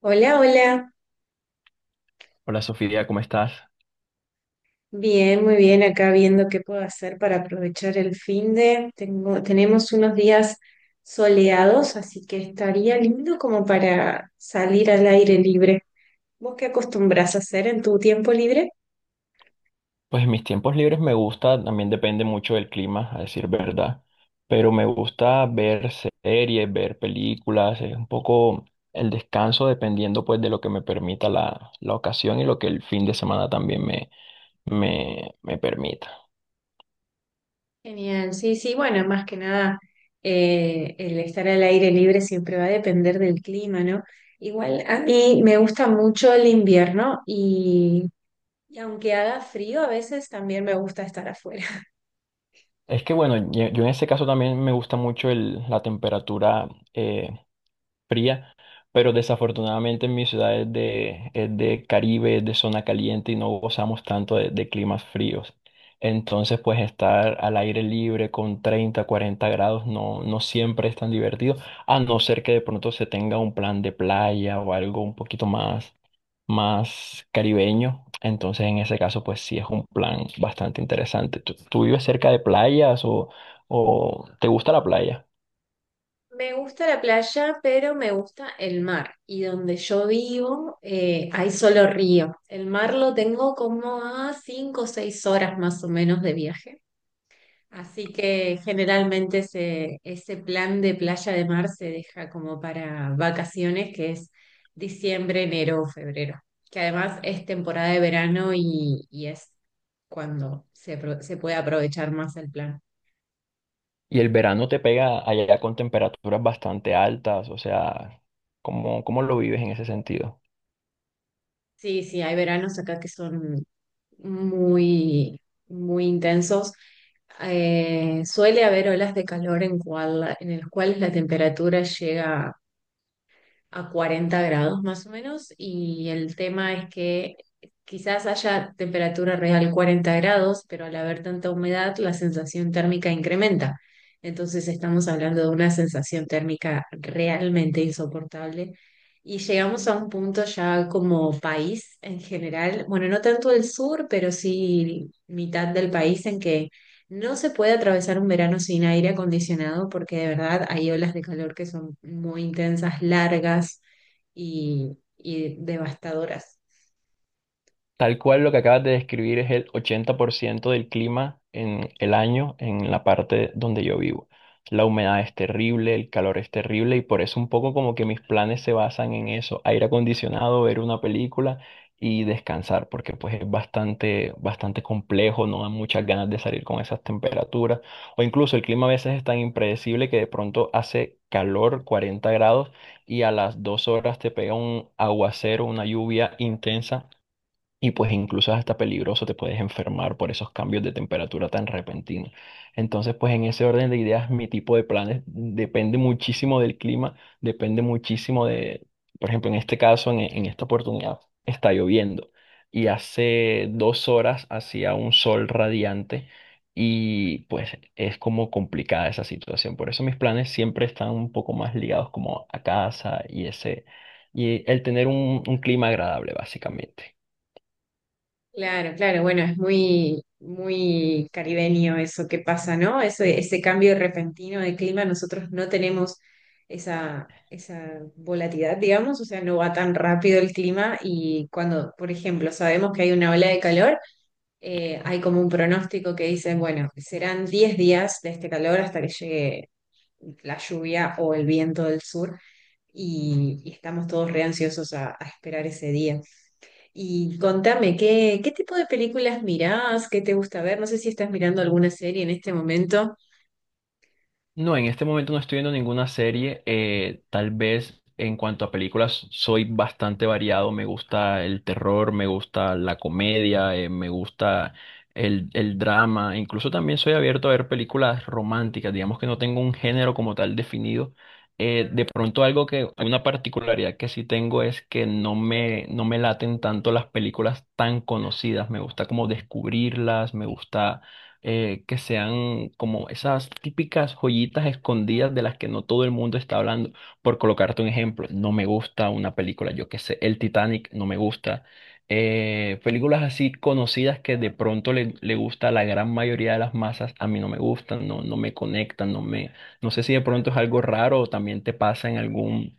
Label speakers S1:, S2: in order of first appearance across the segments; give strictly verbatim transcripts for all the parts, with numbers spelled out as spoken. S1: Hola, hola.
S2: Hola Sofía, ¿cómo estás?
S1: Bien, muy bien. Acá viendo qué puedo hacer para aprovechar el fin de. Tengo, tenemos unos días soleados, así que estaría lindo como para salir al aire libre. ¿Vos qué acostumbras a hacer en tu tiempo libre?
S2: Pues en mis tiempos libres me gusta, también depende mucho del clima, a decir verdad, pero me gusta ver series, ver películas, es un poco el descanso dependiendo pues de lo que me permita la, la ocasión y lo que el fin de semana también me, me, me permita.
S1: Genial, sí, sí. Bueno, más que nada, eh, el estar al aire libre siempre va a depender del clima, ¿no? Igual a mí me gusta mucho el invierno y, y aunque haga frío, a veces también me gusta estar afuera.
S2: Es que bueno, yo yo en ese caso también me gusta mucho el- la temperatura eh, fría, pero desafortunadamente en mi ciudad es de, es de Caribe, es de zona caliente y no gozamos tanto de, de climas fríos. Entonces, pues estar al aire libre con treinta, cuarenta grados no, no siempre es tan divertido, a no ser que de pronto se tenga un plan de playa o algo un poquito más, más caribeño. Entonces, en ese caso, pues sí es un plan bastante interesante. ¿Tú, tú vives cerca de playas o, o te gusta la playa?
S1: Me gusta la playa, pero me gusta el mar. Y donde yo vivo eh, hay solo río. El mar lo tengo como a cinco o seis horas más o menos de viaje. Así que generalmente ese, ese plan de playa de mar se deja como para vacaciones, que es diciembre, enero o febrero. Que además es temporada de verano y, y es cuando se, apro- se puede aprovechar más el plan.
S2: Y el verano te pega allá con temperaturas bastante altas, o sea, ¿cómo, ¿cómo lo vives en ese sentido?
S1: Sí, sí, hay veranos acá que son muy, muy intensos. Eh, suele haber olas de calor en, cual, en las cuales la temperatura llega a cuarenta grados más o menos y el tema es que quizás haya temperatura real cuarenta grados, pero al haber tanta humedad la sensación térmica incrementa. Entonces estamos hablando de una sensación térmica realmente insoportable y llegamos a un punto ya como país en general, bueno, no tanto el sur, pero sí mitad del país en que no se puede atravesar un verano sin aire acondicionado porque de verdad hay olas de calor que son muy intensas, largas y, y devastadoras.
S2: Tal cual lo que acabas de describir es el ochenta por ciento del clima en el año en la parte donde yo vivo. La humedad es terrible, el calor es terrible y por eso un poco como que mis planes se basan en eso, aire acondicionado, ver una película y descansar, porque pues es bastante, bastante complejo, no dan muchas ganas de salir con esas temperaturas o incluso el clima a veces es tan impredecible que de pronto hace calor, cuarenta grados y a las dos horas te pega un aguacero, una lluvia intensa y pues incluso es hasta peligroso, te puedes enfermar por esos cambios de temperatura tan repentinos. Entonces, pues en ese orden de ideas, mi tipo de planes depende muchísimo del clima, depende muchísimo de, por ejemplo, en este caso, en, en esta oportunidad, está lloviendo. Y hace dos horas hacía un sol radiante y pues es como complicada esa situación. Por eso mis planes siempre están un poco más ligados como a casa y ese, y el tener un un clima agradable, básicamente.
S1: Claro, claro, bueno, es muy, muy caribeño eso que pasa, ¿no? Ese, ese cambio repentino de clima, nosotros no tenemos esa, esa volatilidad, digamos, o sea, no va tan rápido el clima y cuando, por ejemplo, sabemos que hay una ola de calor, eh, hay como un pronóstico que dice, bueno, serán diez días de este calor hasta que llegue la lluvia o el viento del sur y, y estamos todos re ansiosos a, a esperar ese día. Y contame, ¿qué, qué tipo de películas mirás? ¿Qué te gusta ver? No sé si estás mirando alguna serie en este momento.
S2: No, en este momento no estoy viendo ninguna serie. Eh, tal vez en cuanto a películas soy bastante variado. Me gusta el terror, me gusta la comedia, eh, me gusta el, el drama. Incluso también soy abierto a ver películas románticas. Digamos que no tengo un género como tal definido. Eh, de pronto algo que, una particularidad que sí tengo es que no me, no me laten tanto las películas tan conocidas. Me gusta como descubrirlas, me gusta eh, que sean como esas típicas joyitas escondidas de las que no todo el mundo está hablando. Por colocarte un ejemplo, no me gusta una película, yo qué sé, El Titanic no me gusta. Eh, películas así conocidas que de pronto le, le gusta a la gran mayoría de las masas, a mí no me gustan, no, no me conectan, no me, no sé si de pronto es algo raro o también te pasa en algún,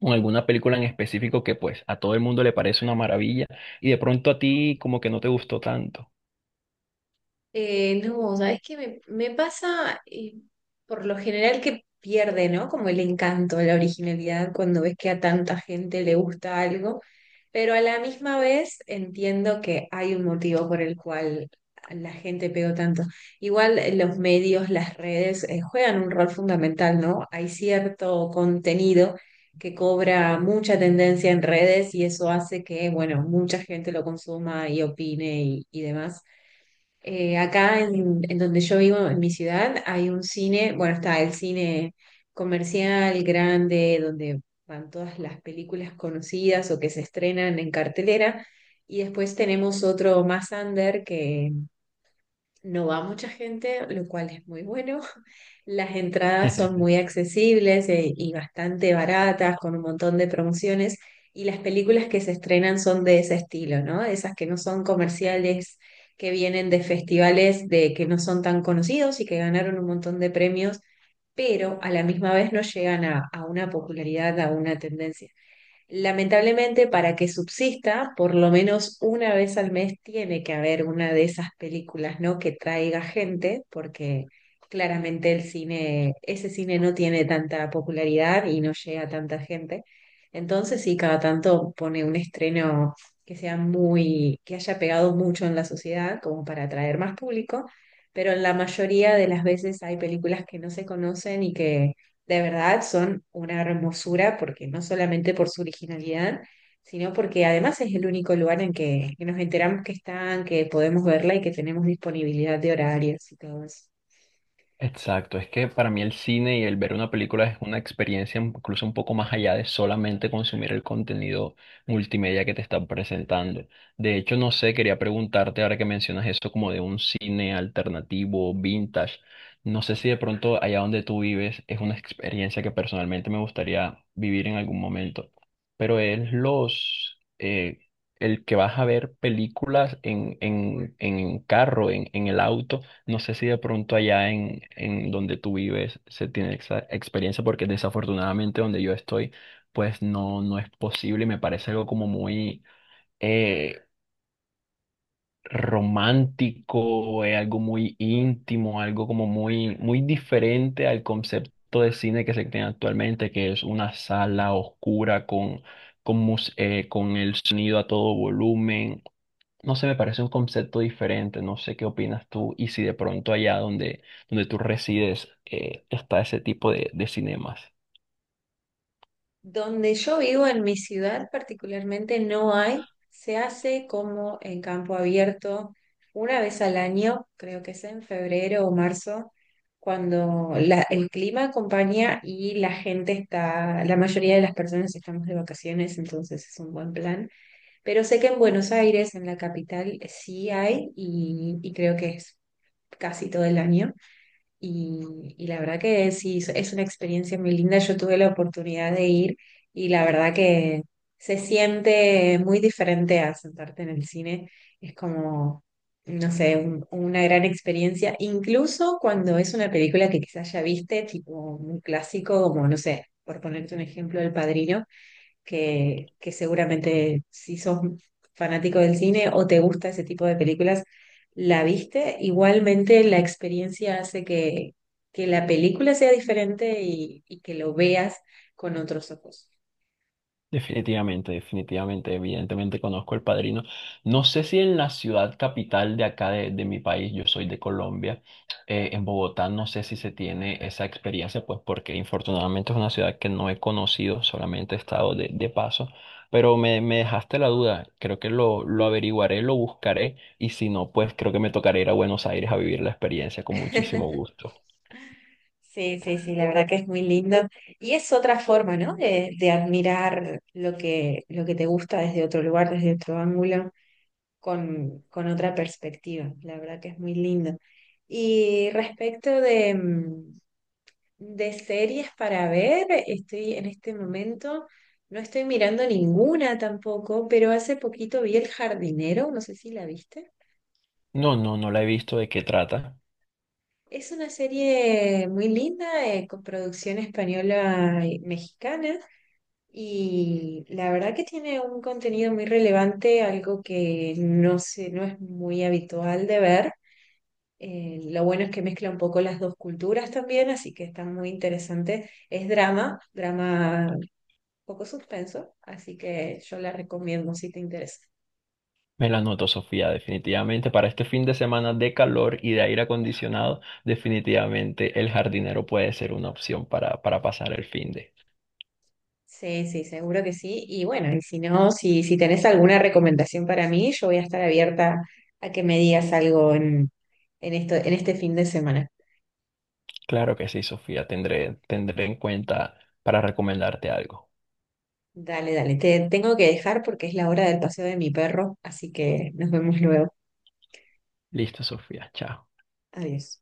S2: en alguna película en específico que pues a todo el mundo le parece una maravilla y de pronto a ti como que no te gustó tanto.
S1: Eh, no, sabes que me, me pasa eh, por lo general que pierde, ¿no? Como el encanto, la originalidad cuando ves que a tanta gente le gusta algo, pero a la misma vez entiendo que hay un motivo por el cual la gente pegó tanto. Igual eh, los medios, las redes eh, juegan un rol fundamental, ¿no? Hay cierto contenido que cobra mucha tendencia en redes y eso hace que, bueno, mucha gente lo consuma y opine y y demás. Eh, acá en, en donde yo vivo, en mi ciudad, hay un cine, bueno, está el cine comercial grande, donde van todas las películas conocidas o que se estrenan en cartelera, y después tenemos otro más under que no va mucha gente, lo cual es muy bueno. Las entradas son muy accesibles eh, y bastante baratas, con un montón de promociones. Y las películas que se estrenan son de ese estilo, ¿no? Esas que no son comerciales, que vienen de festivales de que no son tan conocidos y que ganaron un montón de premios, pero a la misma vez no llegan a, a una popularidad, a una tendencia. Lamentablemente, para que subsista, por lo menos una vez al mes tiene que haber una de esas películas, ¿no? Que traiga gente, porque claramente el cine, ese cine no tiene tanta popularidad y no llega a tanta gente. Entonces, sí, cada tanto pone un estreno que sea muy, que haya pegado mucho en la sociedad, como para atraer más público, pero en la mayoría de las veces hay películas que no se conocen y que de verdad son una hermosura, porque no solamente por su originalidad, sino porque además es el único lugar en que, que nos enteramos que están, que podemos verla y que tenemos disponibilidad de horarios y todo eso.
S2: Exacto, es que para mí el cine y el ver una película es una experiencia incluso un poco más allá de solamente consumir el contenido multimedia que te están presentando. De hecho, no sé, quería preguntarte ahora que mencionas eso como de un cine alternativo, vintage. No sé si de pronto allá donde tú vives es una experiencia que personalmente me gustaría vivir en algún momento, pero es los... eh, el que vas a ver películas en, en, en carro, en, en el auto, no sé si de pronto allá en, en donde tú vives se tiene esa experiencia, porque desafortunadamente donde yo estoy, pues no, no es posible y me parece algo como muy eh, romántico, eh, algo muy íntimo, algo como muy, muy diferente al concepto de cine que se tiene actualmente, que es una sala oscura con, con, mus- eh, con el sonido a todo volumen, no sé, me parece un concepto diferente, no sé qué opinas tú y si de pronto allá donde, donde tú resides eh, está ese tipo de, de cinemas.
S1: Donde yo vivo, en mi ciudad particularmente, no hay, se hace como en campo abierto una vez al año, creo que es en febrero o marzo, cuando la- el clima acompaña y la gente está, la mayoría de las personas estamos de vacaciones, entonces es un buen plan. Pero sé que en Buenos Aires, en la capital, sí hay y, y creo que es casi todo el año. Y, y la verdad que sí, es es una experiencia muy linda. Yo tuve la oportunidad de ir y la verdad que se siente muy diferente a sentarte en el cine. Es como, no sé, un- una gran experiencia. Incluso cuando es una película que quizás ya viste, tipo un clásico, como, no sé, por ponerte un ejemplo, El Padrino que, que seguramente si sos fanático del cine o te gusta ese tipo de películas, la viste. Igualmente la experiencia hace que, que la película sea diferente y, y que lo veas con otros ojos.
S2: Definitivamente, definitivamente, evidentemente conozco El Padrino. No sé si en la ciudad capital de acá de, de mi país, yo soy de Colombia, eh, en Bogotá no sé si se tiene esa experiencia, pues porque infortunadamente es una ciudad que no he conocido, solamente he estado de, de paso, pero me, me dejaste la duda, creo que lo, lo averiguaré, lo buscaré y si no, pues creo que me tocará ir a Buenos Aires a vivir la experiencia con muchísimo gusto.
S1: Sí, sí, sí, la verdad que es muy lindo. Y es otra forma, ¿no? De, de admirar lo que, lo que te gusta desde otro lugar, desde otro ángulo, con, con otra perspectiva. La verdad que es muy lindo. Y respecto de, mm, de series para ver, estoy en este momento, no estoy mirando ninguna tampoco, pero hace poquito vi El Jardinero, no sé si la viste.
S2: No, no, no la he visto, ¿de qué trata?
S1: Es una serie muy linda, eh, con producción española y mexicana, y la verdad que tiene un contenido muy relevante, algo que no sé, no es muy habitual de ver. Eh, lo bueno es que mezcla un poco las dos culturas también, así que está muy interesante. Es drama, drama poco suspenso, así que yo la recomiendo si te interesa.
S2: Me la anoto, Sofía, definitivamente. Para este fin de semana de calor y de aire acondicionado, definitivamente el jardinero puede ser una opción para, para pasar el fin de.
S1: Sí, sí, seguro que sí. Y bueno, y si no, si, si tenés alguna recomendación para mí, yo voy a estar abierta a que me digas algo en, en esto, en este fin de semana.
S2: Claro que sí, Sofía, tendré, tendré en cuenta para recomendarte algo.
S1: Dale, dale. Te tengo que dejar porque es la hora del paseo de mi perro, así que nos vemos luego.
S2: Listo, Sofía, chao.
S1: Adiós.